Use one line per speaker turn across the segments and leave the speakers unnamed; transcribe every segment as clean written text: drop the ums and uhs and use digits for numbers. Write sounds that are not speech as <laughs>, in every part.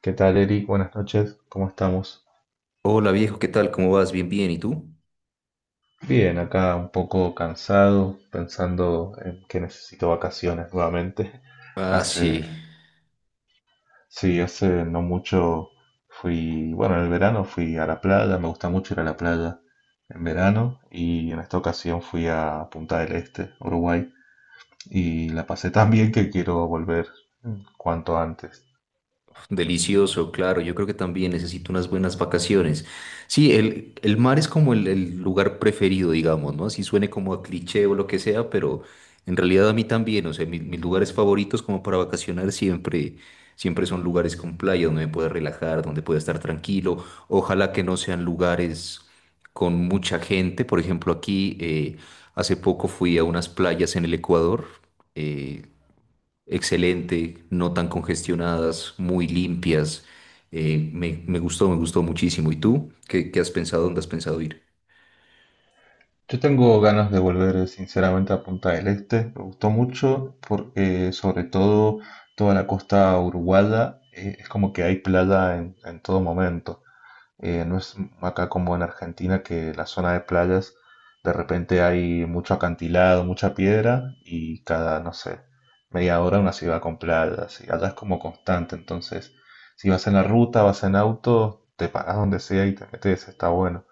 ¿Qué tal, Eric? Buenas noches, ¿cómo estamos?
Hola viejo, ¿qué tal? ¿Cómo vas? Bien, bien. ¿Y tú?
Bien, acá un poco cansado, pensando en que necesito vacaciones nuevamente. <laughs>
Ah, sí,
Hace, sí, hace no mucho fui, bueno, en el verano fui a la playa, me gusta mucho ir a la playa en verano y en esta ocasión fui a Punta del Este, Uruguay, y la pasé tan bien que quiero volver cuanto antes.
delicioso, claro. Yo creo que también necesito unas buenas vacaciones. Sí, el mar es como el lugar preferido, digamos, ¿no? Así suene como a cliché o lo que sea, pero en realidad a mí también, o sea, mis lugares favoritos como para vacacionar siempre, siempre son lugares con playa donde me pueda relajar, donde pueda estar tranquilo. Ojalá que no sean lugares con mucha gente. Por ejemplo, aquí hace poco fui a unas playas en el Ecuador. eh, Excelente, no tan congestionadas, muy limpias. Me gustó muchísimo. ¿Y tú? Qué has pensado? ¿Dónde has pensado ir?
Yo tengo ganas de volver sinceramente a Punta del Este, me gustó mucho porque sobre todo toda la costa uruguaya es como que hay playa en todo momento. No es acá como en Argentina que la zona de playas de repente hay mucho acantilado, mucha piedra y cada, no sé, media hora una ciudad con playas. Y allá es como constante, entonces si vas en la ruta, vas en auto, te paras donde sea y te metes, está bueno.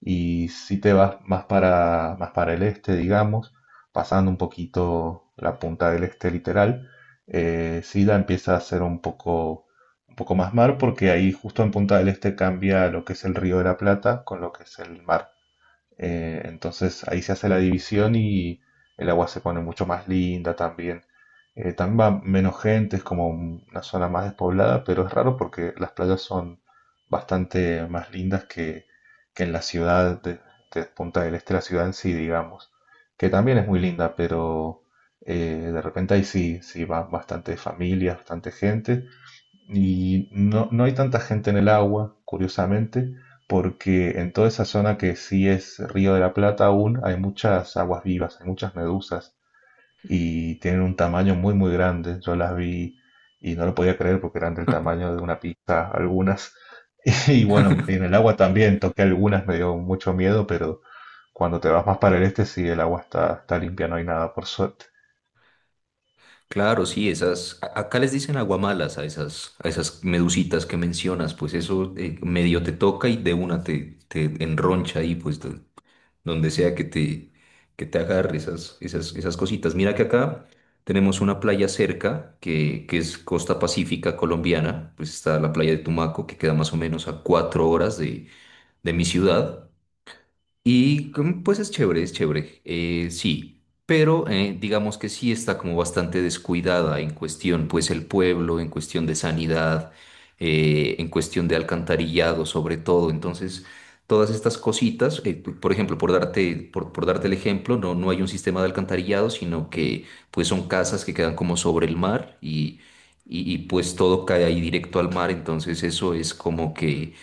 Y si te vas más para el este, digamos, pasando un poquito la punta del este literal, sí la empieza a ser un poco más mar, porque ahí justo en Punta del Este cambia lo que es el Río de la Plata con lo que es el mar. Entonces ahí se hace la división y el agua se pone mucho más linda también. También va menos gente, es como una zona más despoblada, pero es raro porque las playas son bastante más lindas que en la ciudad de Punta del Este, la ciudad en sí, digamos, que también es muy linda, pero de repente ahí sí, sí van bastantes familias, bastante gente, y no, no hay tanta gente en el agua, curiosamente, porque en toda esa zona que sí es Río de la Plata aún hay muchas aguas vivas, hay muchas medusas y tienen un tamaño muy muy grande. Yo las vi y no lo podía creer porque eran del
<laughs>
tamaño de una pizza algunas. <laughs> Y bueno, en el agua también toqué algunas, me dio mucho miedo, pero cuando te vas más para el este sí, el agua está limpia, no hay nada por suerte.
Claro, sí, esas, acá les dicen aguamalas a esas medusitas que mencionas, pues eso medio te toca y de una te enroncha ahí, pues. Donde sea que que te agarre esas, esas, esas cositas. Mira que acá tenemos una playa cerca, que es costa pacífica colombiana, pues está la playa de Tumaco, que queda más o menos a cuatro horas de mi ciudad. Y pues es chévere, sí, pero digamos que sí está como bastante descuidada en cuestión, pues el pueblo, en cuestión de sanidad, en cuestión de alcantarillado sobre todo, entonces todas estas cositas, por ejemplo, por darte, por darte el ejemplo, no, no hay un sistema de alcantarillado, sino que pues son casas que quedan como sobre el mar y, pues todo cae ahí directo al mar, entonces eso es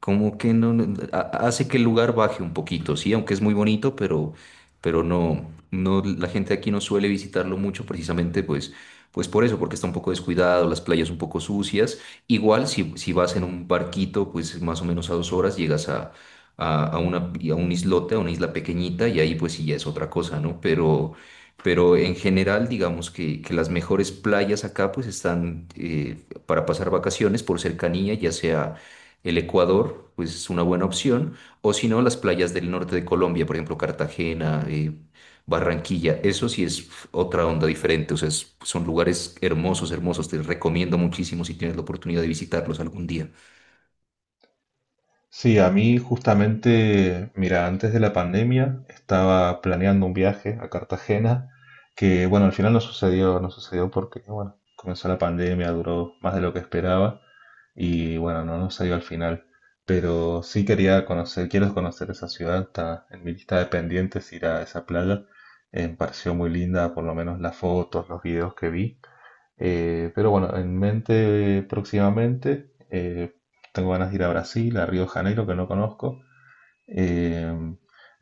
como que no, hace que el lugar baje un poquito, sí, aunque es muy bonito, pero no, no, la gente aquí no suele visitarlo mucho precisamente pues, pues por eso, porque está un poco descuidado, las playas un poco sucias. Igual si, si vas en un barquito, pues más o menos a dos horas llegas a una, a un islote, a una isla pequeñita, y ahí pues sí ya es otra cosa, ¿no? Pero en general, digamos que las mejores playas acá pues están para pasar vacaciones por cercanía, ya sea el Ecuador, pues es una buena opción, o si no, las playas del norte de Colombia, por ejemplo, Cartagena, Barranquilla, eso sí es uf, otra onda diferente, o sea, son lugares hermosos, hermosos, te recomiendo muchísimo si tienes la oportunidad de visitarlos algún día.
Sí, a mí justamente, mira, antes de la pandemia estaba planeando un viaje a Cartagena, que bueno, al final no sucedió, no sucedió porque, bueno, comenzó la pandemia, duró más de lo que esperaba y bueno, no, no salió al final. Pero sí quería conocer, quiero conocer esa ciudad, está en mi lista de pendientes ir a esa playa. Me pareció muy linda, por lo menos las fotos, los videos que vi. Pero bueno, en mente próximamente tengo ganas de ir a Brasil, a Río de Janeiro, que no conozco. Eh,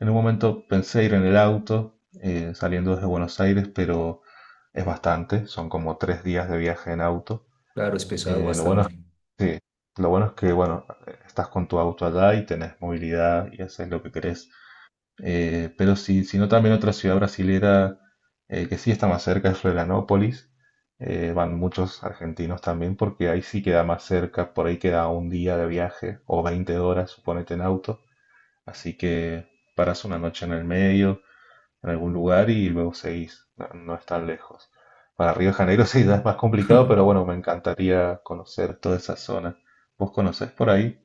en un momento pensé ir en el auto saliendo desde Buenos Aires, pero es bastante, son como 3 días de viaje en auto.
Claro, es pesado
Lo bueno es
bastante.
que, Sí, lo bueno es que, bueno, estás con tu auto allá y tenés movilidad y haces lo que querés. Pero si no, también otra ciudad brasilera que sí está más cerca es Florianópolis. Van muchos argentinos también porque ahí sí queda más cerca, por ahí queda un día de viaje o 20 horas, suponete, en auto. Así que paras una noche en el medio, en algún lugar y luego seguís. No, no es tan lejos. Para Río de Janeiro <laughs> sí ya es más complicado, pero bueno, me encantaría conocer toda esa zona. ¿Vos conocés por ahí?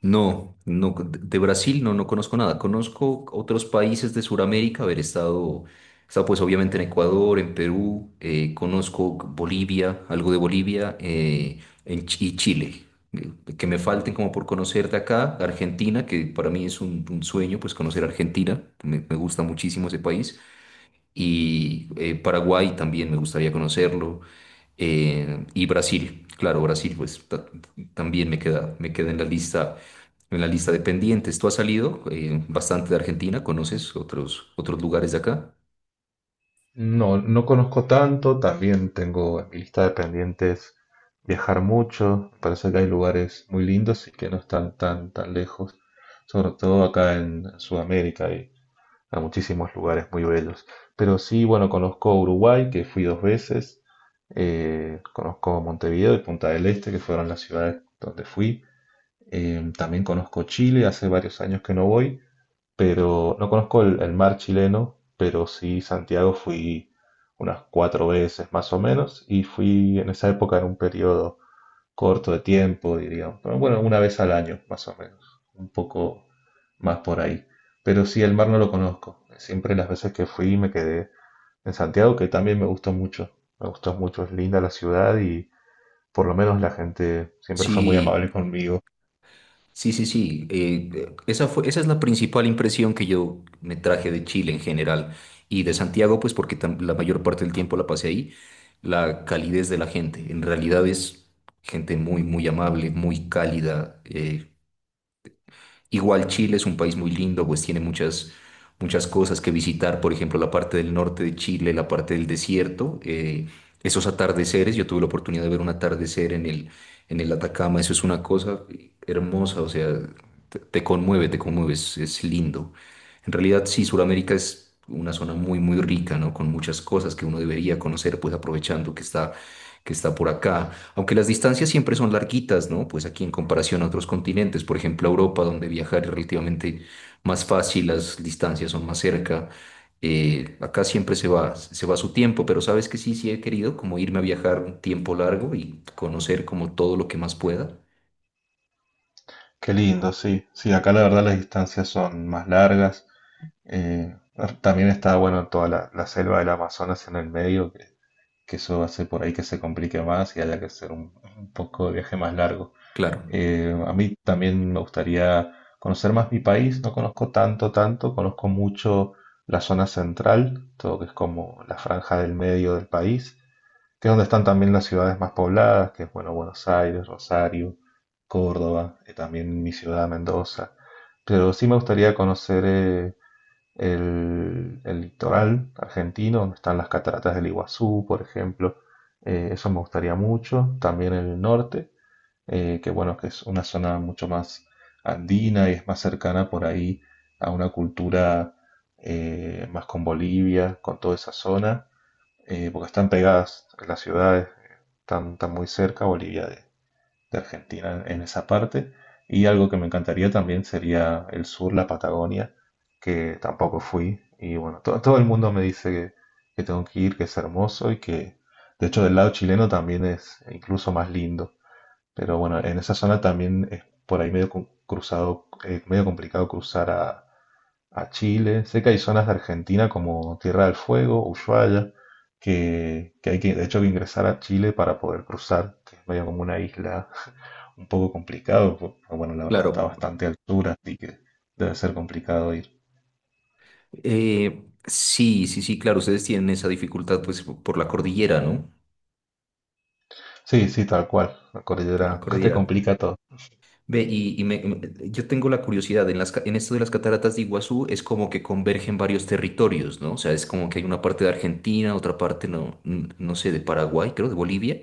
No, no, de Brasil no, no conozco nada. Conozco otros países de Sudamérica, haber estado, he estado pues obviamente en Ecuador, en Perú, conozco Bolivia, algo de Bolivia, en, y Chile. Eh, Que me falten como por conocer de acá, Argentina, que para mí es un sueño, pues conocer Argentina, me gusta muchísimo ese país y Paraguay también me gustaría conocerlo. Y Brasil, claro, Brasil, también me queda en la lista de pendientes. ¿Tú has salido bastante de Argentina? ¿Conoces otros, otros lugares de acá?
No, no conozco tanto, también tengo en mi lista de pendientes viajar mucho, me parece que hay lugares muy lindos y que no están tan, tan lejos, sobre todo acá en Sudamérica hay muchísimos lugares muy bellos. Pero sí, bueno, conozco Uruguay, que fui dos veces, conozco Montevideo y Punta del Este, que fueron las ciudades donde fui. También conozco Chile, hace varios años que no voy, pero no conozco el mar chileno, pero sí Santiago fui unas cuatro veces más o menos y fui en esa época en un periodo corto de tiempo, diríamos, pero bueno, una vez al año más o menos, un poco más por ahí. Pero sí, el mar no lo conozco. Siempre las veces que fui me quedé en Santiago, que también me gustó mucho. Me gustó mucho, es linda la ciudad y por lo menos la gente siempre fue muy
Sí,
amable conmigo.
sí, sí, sí. Esa fue, esa es la principal impresión que yo me traje de Chile en general y de Santiago, pues porque la mayor parte del tiempo la pasé ahí. La calidez de la gente. En realidad es gente muy, muy amable, muy cálida. Igual Chile es un país muy lindo, pues tiene muchas, muchas cosas que visitar, por ejemplo, la parte del norte de Chile, la parte del desierto, esos atardeceres, yo tuve la oportunidad de ver un atardecer en el Atacama, eso es una cosa hermosa, o sea, te conmueve, es lindo. En realidad, sí, Sudamérica es una zona muy, muy rica, ¿no? Con muchas cosas que uno debería conocer, pues aprovechando que está por acá. Aunque las distancias siempre son larguitas, ¿no? Pues aquí en comparación a otros continentes, por ejemplo, a Europa, donde viajar es relativamente más fácil, las distancias son más cerca. Acá siempre se va su tiempo, pero sabes que sí, sí he querido como irme a viajar un tiempo largo y conocer como todo lo que más pueda.
Qué lindo, sí. Sí, acá la verdad las distancias son más largas. También está bueno toda la selva del Amazonas en el medio, que eso hace por ahí que se complique más y haya que hacer un poco de viaje más largo.
Claro.
A mí también me gustaría conocer más mi país, no conozco tanto, tanto, conozco mucho la zona central, todo que es como la franja del medio del país, que es donde están también las ciudades más pobladas, que es bueno, Buenos Aires, Rosario, Córdoba, también mi ciudad, Mendoza. Pero sí me gustaría conocer el litoral argentino, donde están las cataratas del Iguazú, por ejemplo. Eso me gustaría mucho. También el norte, que bueno, que es una zona mucho más andina y es más cercana por ahí a una cultura más con Bolivia, con toda esa zona, porque están pegadas las ciudades, están muy cerca. Bolivia de Argentina en esa parte. Y algo que me encantaría también sería el sur, la Patagonia, que tampoco fui. Y bueno, todo el mundo me dice que tengo que ir, que es hermoso y que de hecho del lado chileno también es incluso más lindo. Pero bueno, en esa zona también es por ahí medio cruzado, medio complicado cruzar a Chile. Sé que hay zonas de Argentina como Tierra del Fuego, Ushuaia, que hay que, de hecho, que ingresar a Chile para poder cruzar, que es medio como una isla <laughs> un poco complicado, pero bueno, la verdad está a
Claro.
bastante altura, así que debe ser complicado ir.
Sí, sí, sí, claro, ustedes tienen esa dificultad pues por la cordillera, ¿no?
Sí, sí, tal cual, la
Por la
cordillera <laughs> te
cordillera.
complica todo.
Ve, y yo tengo la curiosidad, en las, en esto de las cataratas de Iguazú es como que convergen varios territorios, ¿no? O sea, es como que hay una parte de Argentina, otra parte, no, no sé, de Paraguay, creo, de Bolivia.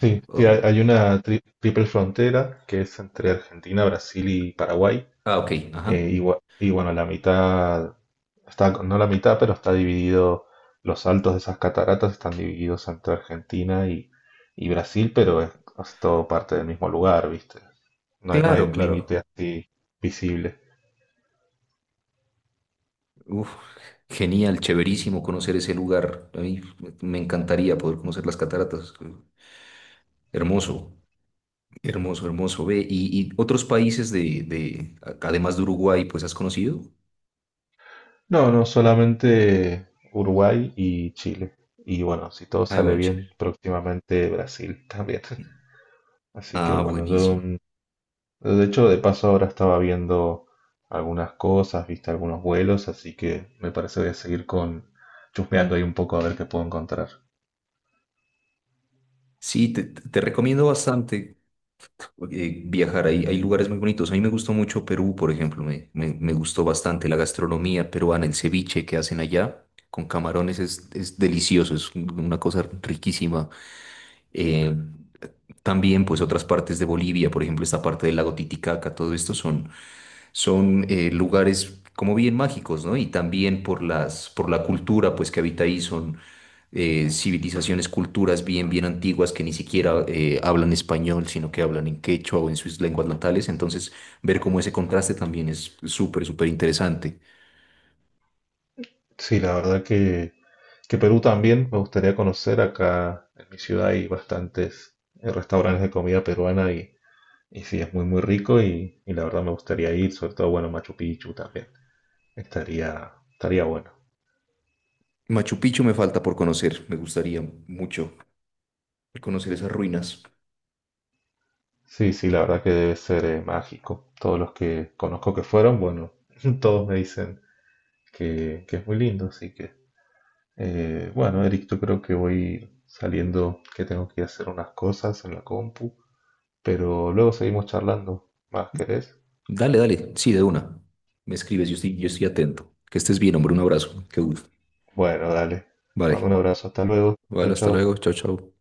Sí, sí, hay,
o-
hay una triple frontera que es entre Argentina, Brasil y Paraguay,
Ah, ok, ajá.
y, y bueno, la mitad está, no la mitad, pero está dividido, los altos de esas cataratas están divididos entre Argentina y Brasil, pero es todo parte del mismo lugar, ¿viste? No hay, no hay
Claro,
límite
claro.
así visible.
Uf, genial, chéverísimo conocer ese lugar. A mí me encantaría poder conocer las cataratas. Hermoso, hermoso, hermoso. Ve, y otros países de, además de Uruguay, pues has conocido.
No, no, solamente Uruguay y Chile. Y bueno, si todo
Ah,
sale
bueno, chévere.
bien, próximamente Brasil también. <laughs> Así que
Ah,
bueno,
buenísimo.
de hecho, de paso ahora estaba viendo algunas cosas, viste algunos vuelos, así que me parece voy a seguir con chusmeando ahí un poco a ver qué puedo encontrar.
Sí, te recomiendo bastante viajar. Hay lugares muy bonitos. A mí me gustó mucho Perú, por ejemplo. Me gustó bastante la gastronomía peruana, el ceviche que hacen allá con camarones es delicioso, una cosa riquísima. Eh, También, pues otras partes de Bolivia, por ejemplo, esta parte del lago Titicaca, todo esto son, son lugares como bien mágicos, ¿no? Y también por las, por la cultura, pues que habita ahí son civilizaciones, culturas bien, bien antiguas que ni siquiera hablan español, sino que hablan en quechua o en sus lenguas natales. Entonces, ver cómo ese contraste también es súper, súper interesante.
Sí, la verdad que Perú también me gustaría conocer. Acá en mi ciudad hay bastantes restaurantes de comida peruana y sí, es muy muy rico y la verdad me gustaría ir, sobre todo, bueno, Machu Picchu también. Estaría bueno.
Machu Picchu me falta por conocer, me gustaría mucho conocer esas ruinas.
Sí, sí, la verdad que debe ser mágico. Todos los que conozco que fueron, bueno, <laughs> todos me dicen que es muy lindo, así que bueno, Eric, yo creo que voy saliendo, que tengo que ir a hacer unas cosas en la compu, pero luego seguimos charlando. ¿Más querés?
Dale, dale, sí, de una. Me escribes, yo estoy atento. Que estés bien, hombre, un abrazo. Qué gusto.
Bueno, dale. Te mando un
Vale,
abrazo, hasta luego.
vale,
Chau,
hasta luego.
chau.
Chao, chao.